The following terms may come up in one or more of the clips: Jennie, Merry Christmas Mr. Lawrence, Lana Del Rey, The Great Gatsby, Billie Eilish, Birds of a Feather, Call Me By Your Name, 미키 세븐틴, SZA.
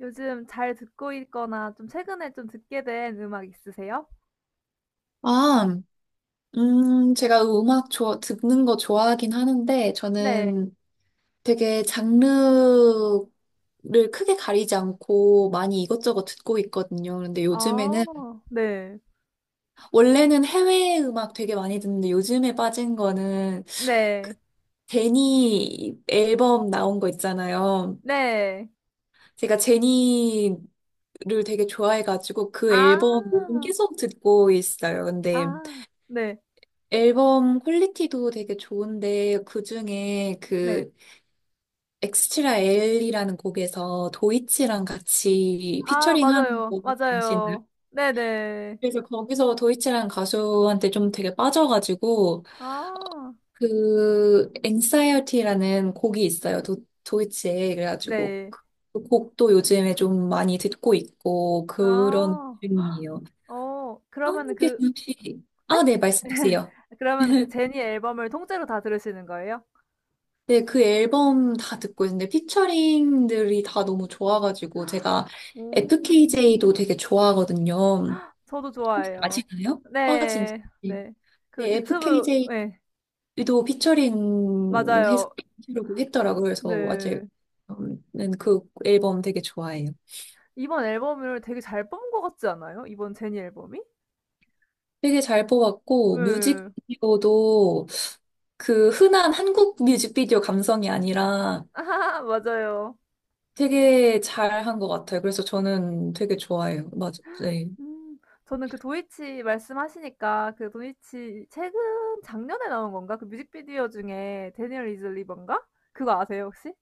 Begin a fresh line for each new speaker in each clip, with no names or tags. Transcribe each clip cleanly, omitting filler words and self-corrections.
요즘 잘 듣고 있거나 좀 최근에 좀 듣게 된 음악 있으세요?
아, 제가 음악 듣는 거 좋아하긴 하는데,
네.
저는 되게 장르를 크게 가리지 않고 많이 이것저것 듣고 있거든요. 근데 요즘에는,
아 네.
원래는 해외 음악 되게 많이 듣는데, 요즘에 빠진 거는 그
네.
제니 앨범 나온 거 있잖아요.
네.
제가 제니를 되게 좋아해가지고, 그
아.
앨범 요즘 계속 듣고 있어요. 근데,
아. 네.
앨범 퀄리티도 되게 좋은데 그중에
네.
그 엑스트라 엘이라는 곡에서 도이치랑 같이
아
피처링한
맞아요.
곡이 아시나요?
맞아요. 네네.
그래서 거기서 도이치라는 가수한테 좀 되게 빠져가지고
아.
그 앵사이어티라는 곡이 있어요. 도이치에 그래가지고
네.
그 곡도 요즘에 좀 많이 듣고 있고 그런
아.
중이에요.
어 그러면은
하은님께서
그
혹시
네?
아, 네, 말씀 주세요.
그러면은 그 제니 앨범을 통째로 다 들으시는 거예요?
네, 그 앨범 다 듣고 있는데 피처링들이 다 너무 좋아가지고 제가
오.
FKJ도 되게 좋아하거든요.
저도
혹시
좋아해요.
아시나요? 아, 진짜.
네. 네. 그
네,
유튜브 예.
FKJ도 피처링해서
맞아요.
하려고 했더라고요. 그래서 맞아요.
네.
는그 앨범 되게 좋아해요.
이번 앨범을 되게 잘 뽑은 것 같지 않아요? 이번 제니 앨범이?
되게 잘 뽑았고
예.
뮤직비디오도 그 흔한 한국 뮤직비디오 감성이 아니라
맞아요.
되게 잘 한 것 같아요. 그래서 저는 되게 좋아해요. 맞아요. 네.
음. 저는 그 도이치 말씀하시니까 그 도이치 최근 작년에 나온 건가? 그 뮤직비디오 중에 데니얼 리즐리번가? 그거 아세요 혹시?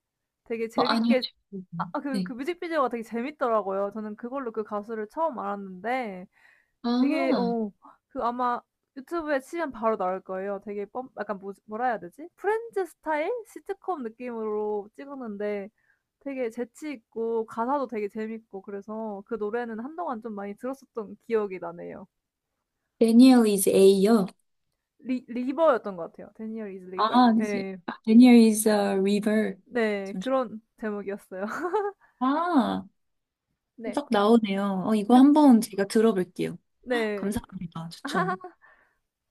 되게
어, 아니요.
재밌게 아
지금.
아, 그
네.
그 뮤직비디오가 되게 재밌더라고요. 저는 그걸로 그 가수를 처음 알았는데 되게
아,
어 그 아마 유튜브에 치면 바로 나올 거예요. 되게 뻔 약간 뭐라 해야 되지? 프렌즈 스타일 시트콤 느낌으로 찍었는데 되게 재치 있고 가사도 되게 재밌고 그래서 그 노래는 한동안 좀 많이 들었었던 기억이 나네요.
Daniel is A요.
리 리버였던 것 같아요. Daniel is River?
아, 이제
네
아, Daniel is a river.
네.
잠시.
그런 제목이었어요.
아,
네.
딱 나오네요. 어, 이거
그
한번 제가 들어볼게요. 헉,
네.
감사합니다. 추천.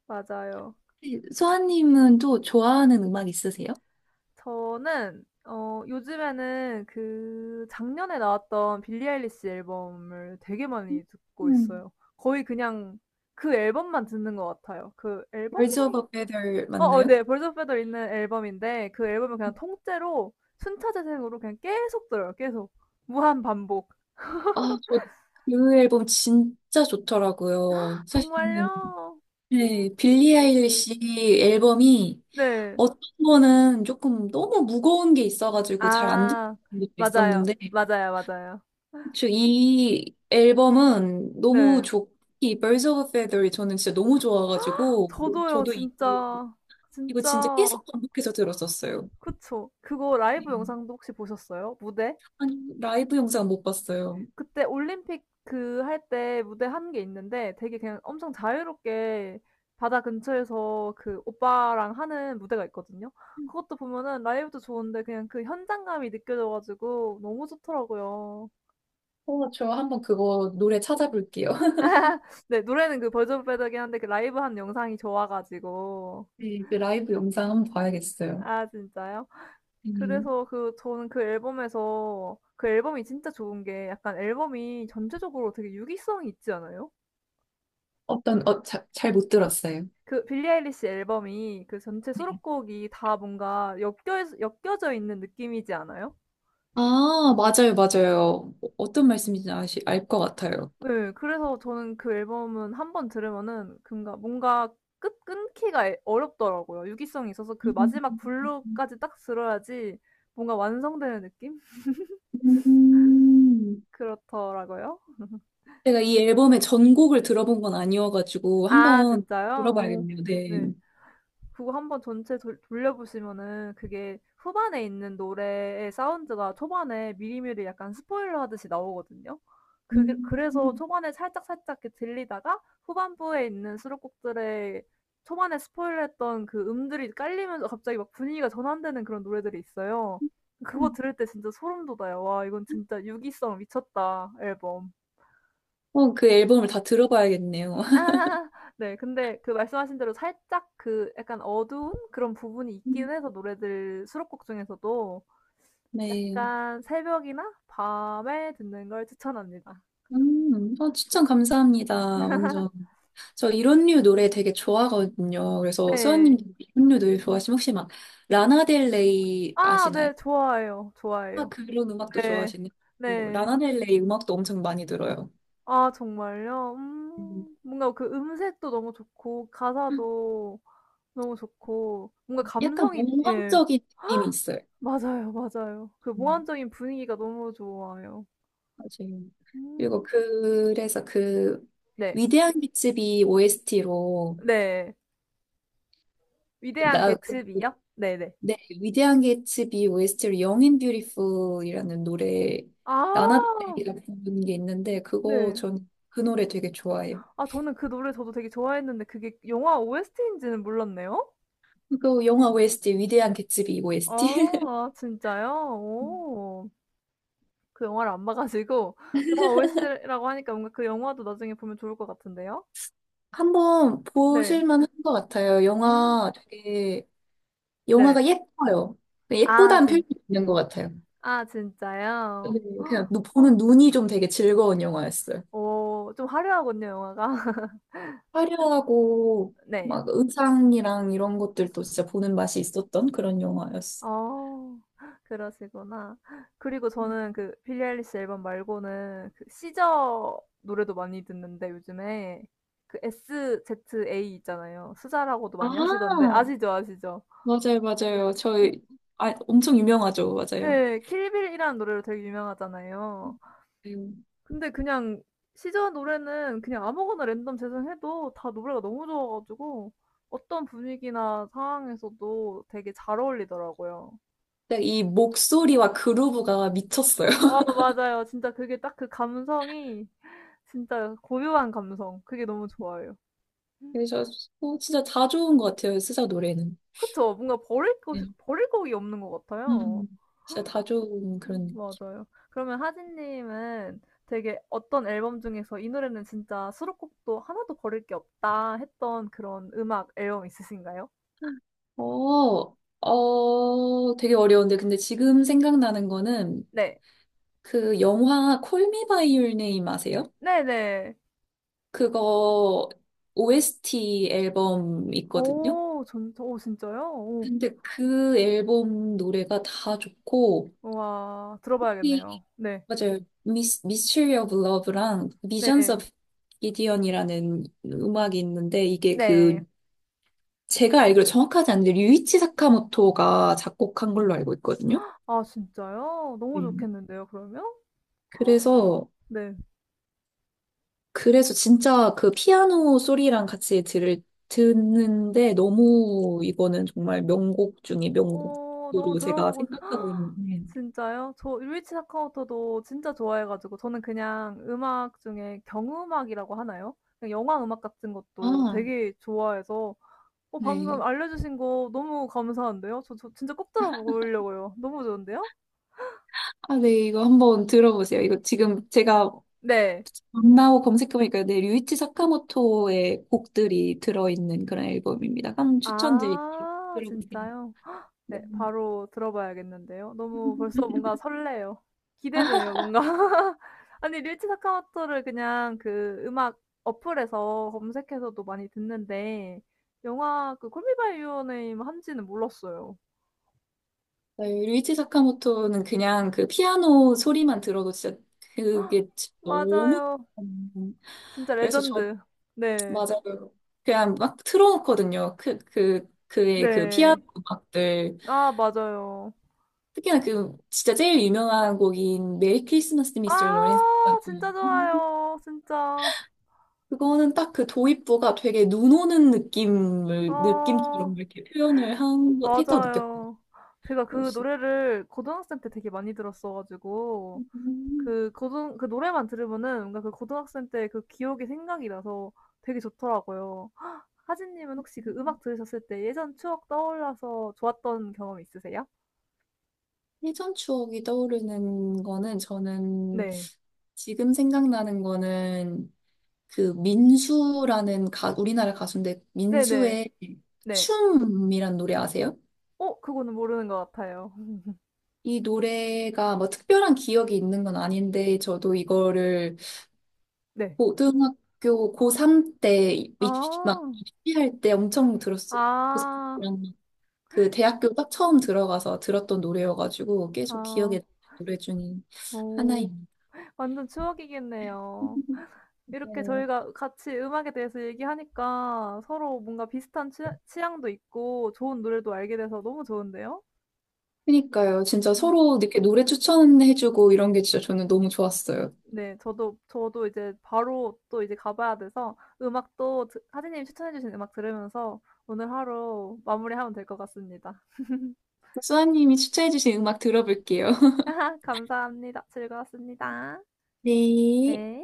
맞아요.
네, 소아님은 또 좋아하는 음악 있으세요?
저는 어 요즘에는 그 작년에 나왔던 빌리 아일리시 앨범을 되게 많이 듣고
음.
있어요. 거의 그냥 그 앨범만 듣는 것 같아요. 그
Birds of
앨범명이
a Feather
어어
맞나요?
네. 벌 i r d 있는 앨범인데 그 앨범을 그냥 통째로 순차 재생으로 그냥 계속 들어요, 계속. 무한 반복.
아, 저 그 앨범 진짜 좋더라고요. 사실 저는
정말요? 음
네, 빌리 아일리시 앨범이
네.
어떤 거는 조금 너무 무거운 게 있어가지고 잘 안 듣는
아
것도
맞아요.
있었는데,
맞아요, 맞아요.
혹이 앨범은 너무
네.
좋기, Birds of a Feather이 저는 진짜 너무 좋아가지고,
저도요
저도
진짜.
이거 진짜
진짜
계속 반복해서 들었었어요.
그쵸. 그거
네.
라이브 영상도 혹시 보셨어요? 무대?
아니, 라이브 영상 못 봤어요.
그때 올림픽 그 할 때 무대 한 게 있는데 되게 그냥 엄청 자유롭게 바다 근처에서 그 오빠랑 하는 무대가 있거든요. 그것도 보면은 라이브도 좋은데 그냥 그 현장감이 느껴져 가지고 너무 좋더라고요.
어, 저 한번 그거 노래 찾아볼게요.
네 노래는 그 버전 빼더긴 한데 그 라이브 한 영상이 좋아 가지고.
네, 그 라이브 영상 한번 봐야겠어요.
아 진짜요?
음.
그래서 그 저는 그 앨범에서 그 앨범이 진짜 좋은 게 약간 앨범이 전체적으로 되게 유기성이 있지 않아요?
어떤, 어, 잘 못 들었어요.
그 빌리 아일리시 앨범이 그 전체 수록곡이 다 뭔가 엮여져 있는 느낌이지 않아요?
아, 맞아요, 맞아요. 어떤 말씀인지 알 것 같아요.
네 그래서 저는 그 앨범은 한번 들으면은 뭔가 뭔가 끝 끊기가 어렵더라고요. 유기성이 있어서 그 마지막
음.
블루까지 딱 들어야지 뭔가 완성되는 느낌?
음.
그렇더라고요.
제가 이 앨범의 전곡을 들어본 건 아니어가지고
아
한번
진짜요? 오.
들어봐야겠네요. 네.
네. 그거 한번 전체 돌려보시면은 그게 후반에 있는 노래의 사운드가 초반에 미리미리 약간 스포일러 하듯이 나오거든요. 그게
음.
그래서 초반에 살짝살짝 이렇게 들리다가 후반부에 있는 수록곡들의 초반에 스포일러했던 그 음들이 깔리면서 갑자기 막 분위기가 전환되는 그런 노래들이 있어요. 그거 들을 때 진짜 소름 돋아요. 와, 이건 진짜 유기성 미쳤다, 앨범.
그 앨범을 다 들어봐야겠네요.
아 네. 근데 그 말씀하신 대로 살짝 그 약간 어두운 그런 부분이 있긴 해서 노래들 수록곡 중에서도
네.
약간 새벽이나 밤에 듣는 걸 추천합니다.
추천 감사합니다. 완전. 저 이런 류 노래 되게 좋아하거든요. 그래서
네.
수아님도 이런 류 노래 좋아하시면 혹시 막 라나델레이
아
아시나요?
네. 좋아해요,
아,
좋아해요.
그런 음악도
네.
좋아하시네요. 뭐,
네.
라나델레이 음악도 엄청 많이 들어요.
아 정말요?
음.
음. 뭔가 그 음색도 너무 좋고 가사도 너무 좋고 뭔가
약간
감성이 예.
몽환적인 느낌이 있어요.
맞아요, 맞아요. 그
음,
몽환적인 분위기가 너무 좋아요.
맞아요. 그리고
음.
그래서 그
네.
위대한 개츠비 OST로
네. 위대한
나 그
개츠비요? 네네.
네, 위대한 개츠비 OST로 영인 뷰티풀이라는 노래
아
라나델이가 부른 게 있는데 그거
네.
전 그 노래 되게 좋아해요.
아 저는 그 노래 저도 되게 좋아했는데 그게 영화 OST인지는 몰랐네요.
그 영화 OST 위대한 개츠비
아
OST.
아, 진짜요? 오. 그 영화를 안 봐 가지고 영화 OST라고 하니까 뭔가 그 영화도 나중에 보면 좋을 것 같은데요.
한번
네.
보실만 한 것 같아요.
음. 네.
영화가 예뻐요.
아
예쁘다는
진
표현이 있는 것 같아요.
아
네,
진짜요?
그냥 보는 눈이 좀 되게 즐거운 영화였어요.
오 좀 화려하군요 영화가.
화려하고
네.
막 의상이랑 이런 것들도 진짜 보는 맛이 있었던 그런 영화였어.
어. 그러시구나. 그리고 저는 그 빌리 아일리시 앨범 말고는 그 시저 노래도 많이 듣는데 요즘에 그 SZA 있잖아요. 수자라고도 많이 하시던데
아,
아시죠? 아시죠?
맞아요,
네.
맞아요.
고
저희 아, 엄청 유명하죠, 맞아요.
네, 킬빌이라는 노래로 되게 유명하잖아요.
음.
근데 그냥 시저 노래는 그냥 아무거나 랜덤 재생해도 다 노래가 너무 좋아 가지고 어떤 분위기나 상황에서도 되게 잘 어울리더라고요.
근데 이 목소리와 그루브가 미쳤어요.
아 맞아요. 진짜 그게 딱 그 감성이 진짜 고요한 감성 그게 너무 좋아요.
그래서 진짜 다 좋은 것 같아요, 스사 노래는.
그쵸. 뭔가 버릴
네.
것이 버릴 곡이 없는 것 같아요.
음, 진짜 다 좋은 그런.
맞아요. 그러면 하진 님은 되게 어떤 앨범 중에서 '이 노래는 진짜 수록곡도 하나도 버릴 게 없다.' 했던 그런 음악 앨범 있으신가요?
어, 되게 어려운데 근데 지금 생각나는 거는
네.
그 영화 콜미 바이 유 네임 아세요?
네네.
그거 OST 앨범 있거든요.
오 전 오 진짜요? 오.
근데 그 앨범 노래가 다 좋고
우와. 들어봐야겠네요.
이
네.
맞아요. 미스 미스터리 오브 러브랑 미전스
네.
오브 기디언이라는 음악이 있는데 이게 그
네.
제가 알기로 정확하지 않은데 류이치 사카모토가 작곡한 걸로 알고 있거든요.
아 진짜요? 너무
네.
좋겠는데요 그러면?
그래서
네.
진짜 그 피아노 소리랑 같이 듣는데 너무 이거는 정말 명곡 중에
어 너무
명곡으로 제가
들어보고
생각하고 있는데.
진짜요? 저루이치 사카모토도 진짜 좋아해 가지고 저는 그냥 음악 중에 경음악이라고 하나요? 그냥 영화 음악 같은 것도
아,
되게 좋아해서 어 방금
네.
알려 주신 거 너무 감사한데요. 저 진짜 꼭 들어 보려고요. 너무 좋은데요?
아, 네. 이거 한번 들어보세요. 이거 지금 제가
네.
만나고 검색해보니까 네, 류이치 사카모토의 곡들이 들어있는 그런 앨범입니다. 한번 추천드릴게요.
아
들어보세요.
진짜요?
네.
네, 바로 들어봐야겠는데요. 너무 벌써 뭔가 설레요. 기대되네요, 뭔가. 아니, 릴치 사카모토를 그냥 그 음악 어플에서 검색해서도 많이 듣는데, 영화 그 콜미 바이 유어 네임 한지는 몰랐어요.
네, 루이치 사카모토는 그냥 그 피아노 소리만 들어도 진짜 그게 너무
맞아요.
음,
진짜
그래서 저
레전드. 네.
맞아요. 그냥 막 틀어놓거든요. 그의 그 피아노
네.
음악들.
아, 맞아요.
특히나 그 진짜 제일 유명한 곡인 메리 크리스마스 미스터 로렌스.
아, 진짜 좋아요. 진짜.
그거는 딱 그 도입부가 되게 눈 오는
어,
느낌처럼 이렇게 표현을 했다고 느꼈고요.
맞아요. 제가 그
역시.
노래를 고등학생 때 되게 많이 들었어가지고,
음,
그 고등 그 노래만 들으면은 뭔가 그 고등학생 때 그 기억이 생각이 나서 되게 좋더라고요. 하진 님은 혹시 그 음악 들으셨을 때 예전 추억 떠올라서 좋았던 경험 있으세요?
예전 추억이 떠오르는 거는 저는
네.
지금 생각나는 거는 그 민수라는 우리나라 가수인데
네네.
민수의
네.
춤이란 노래 아세요?
어 그거는 모르는 것 같아요.
이 노래가 뭐 특별한 기억이 있는 건 아닌데 저도 이거를
네.
고등학교 고3 때 막
아.
입시할 때 엄청 들었어요.
아.
고3이랑 그 대학교 딱 처음 들어가서 들었던 노래여가지고 계속 기억에
아.
남는 노래 중에
오오
하나입니다.
완전 추억이겠네요. 이렇게 저희가 같이 음악에 대해서 얘기하니까 서로 뭔가 비슷한 취 취향도 있고 좋은 노래도 알게 돼서 너무 좋은데요?
그니까요. 진짜
음.
서로 이렇게 노래 추천해주고 이런 게 진짜 저는 너무 좋았어요.
네. 저도 이제 바로 또 이제 가 봐야 돼서 음악도 드 하진님이 추천해 주신 음악 들으면서 오늘 하루 마무리하면 될 것 같습니다.
수아님이 추천해주신 음악 들어볼게요.
감사합니다. 즐거웠습니다.
네.
네.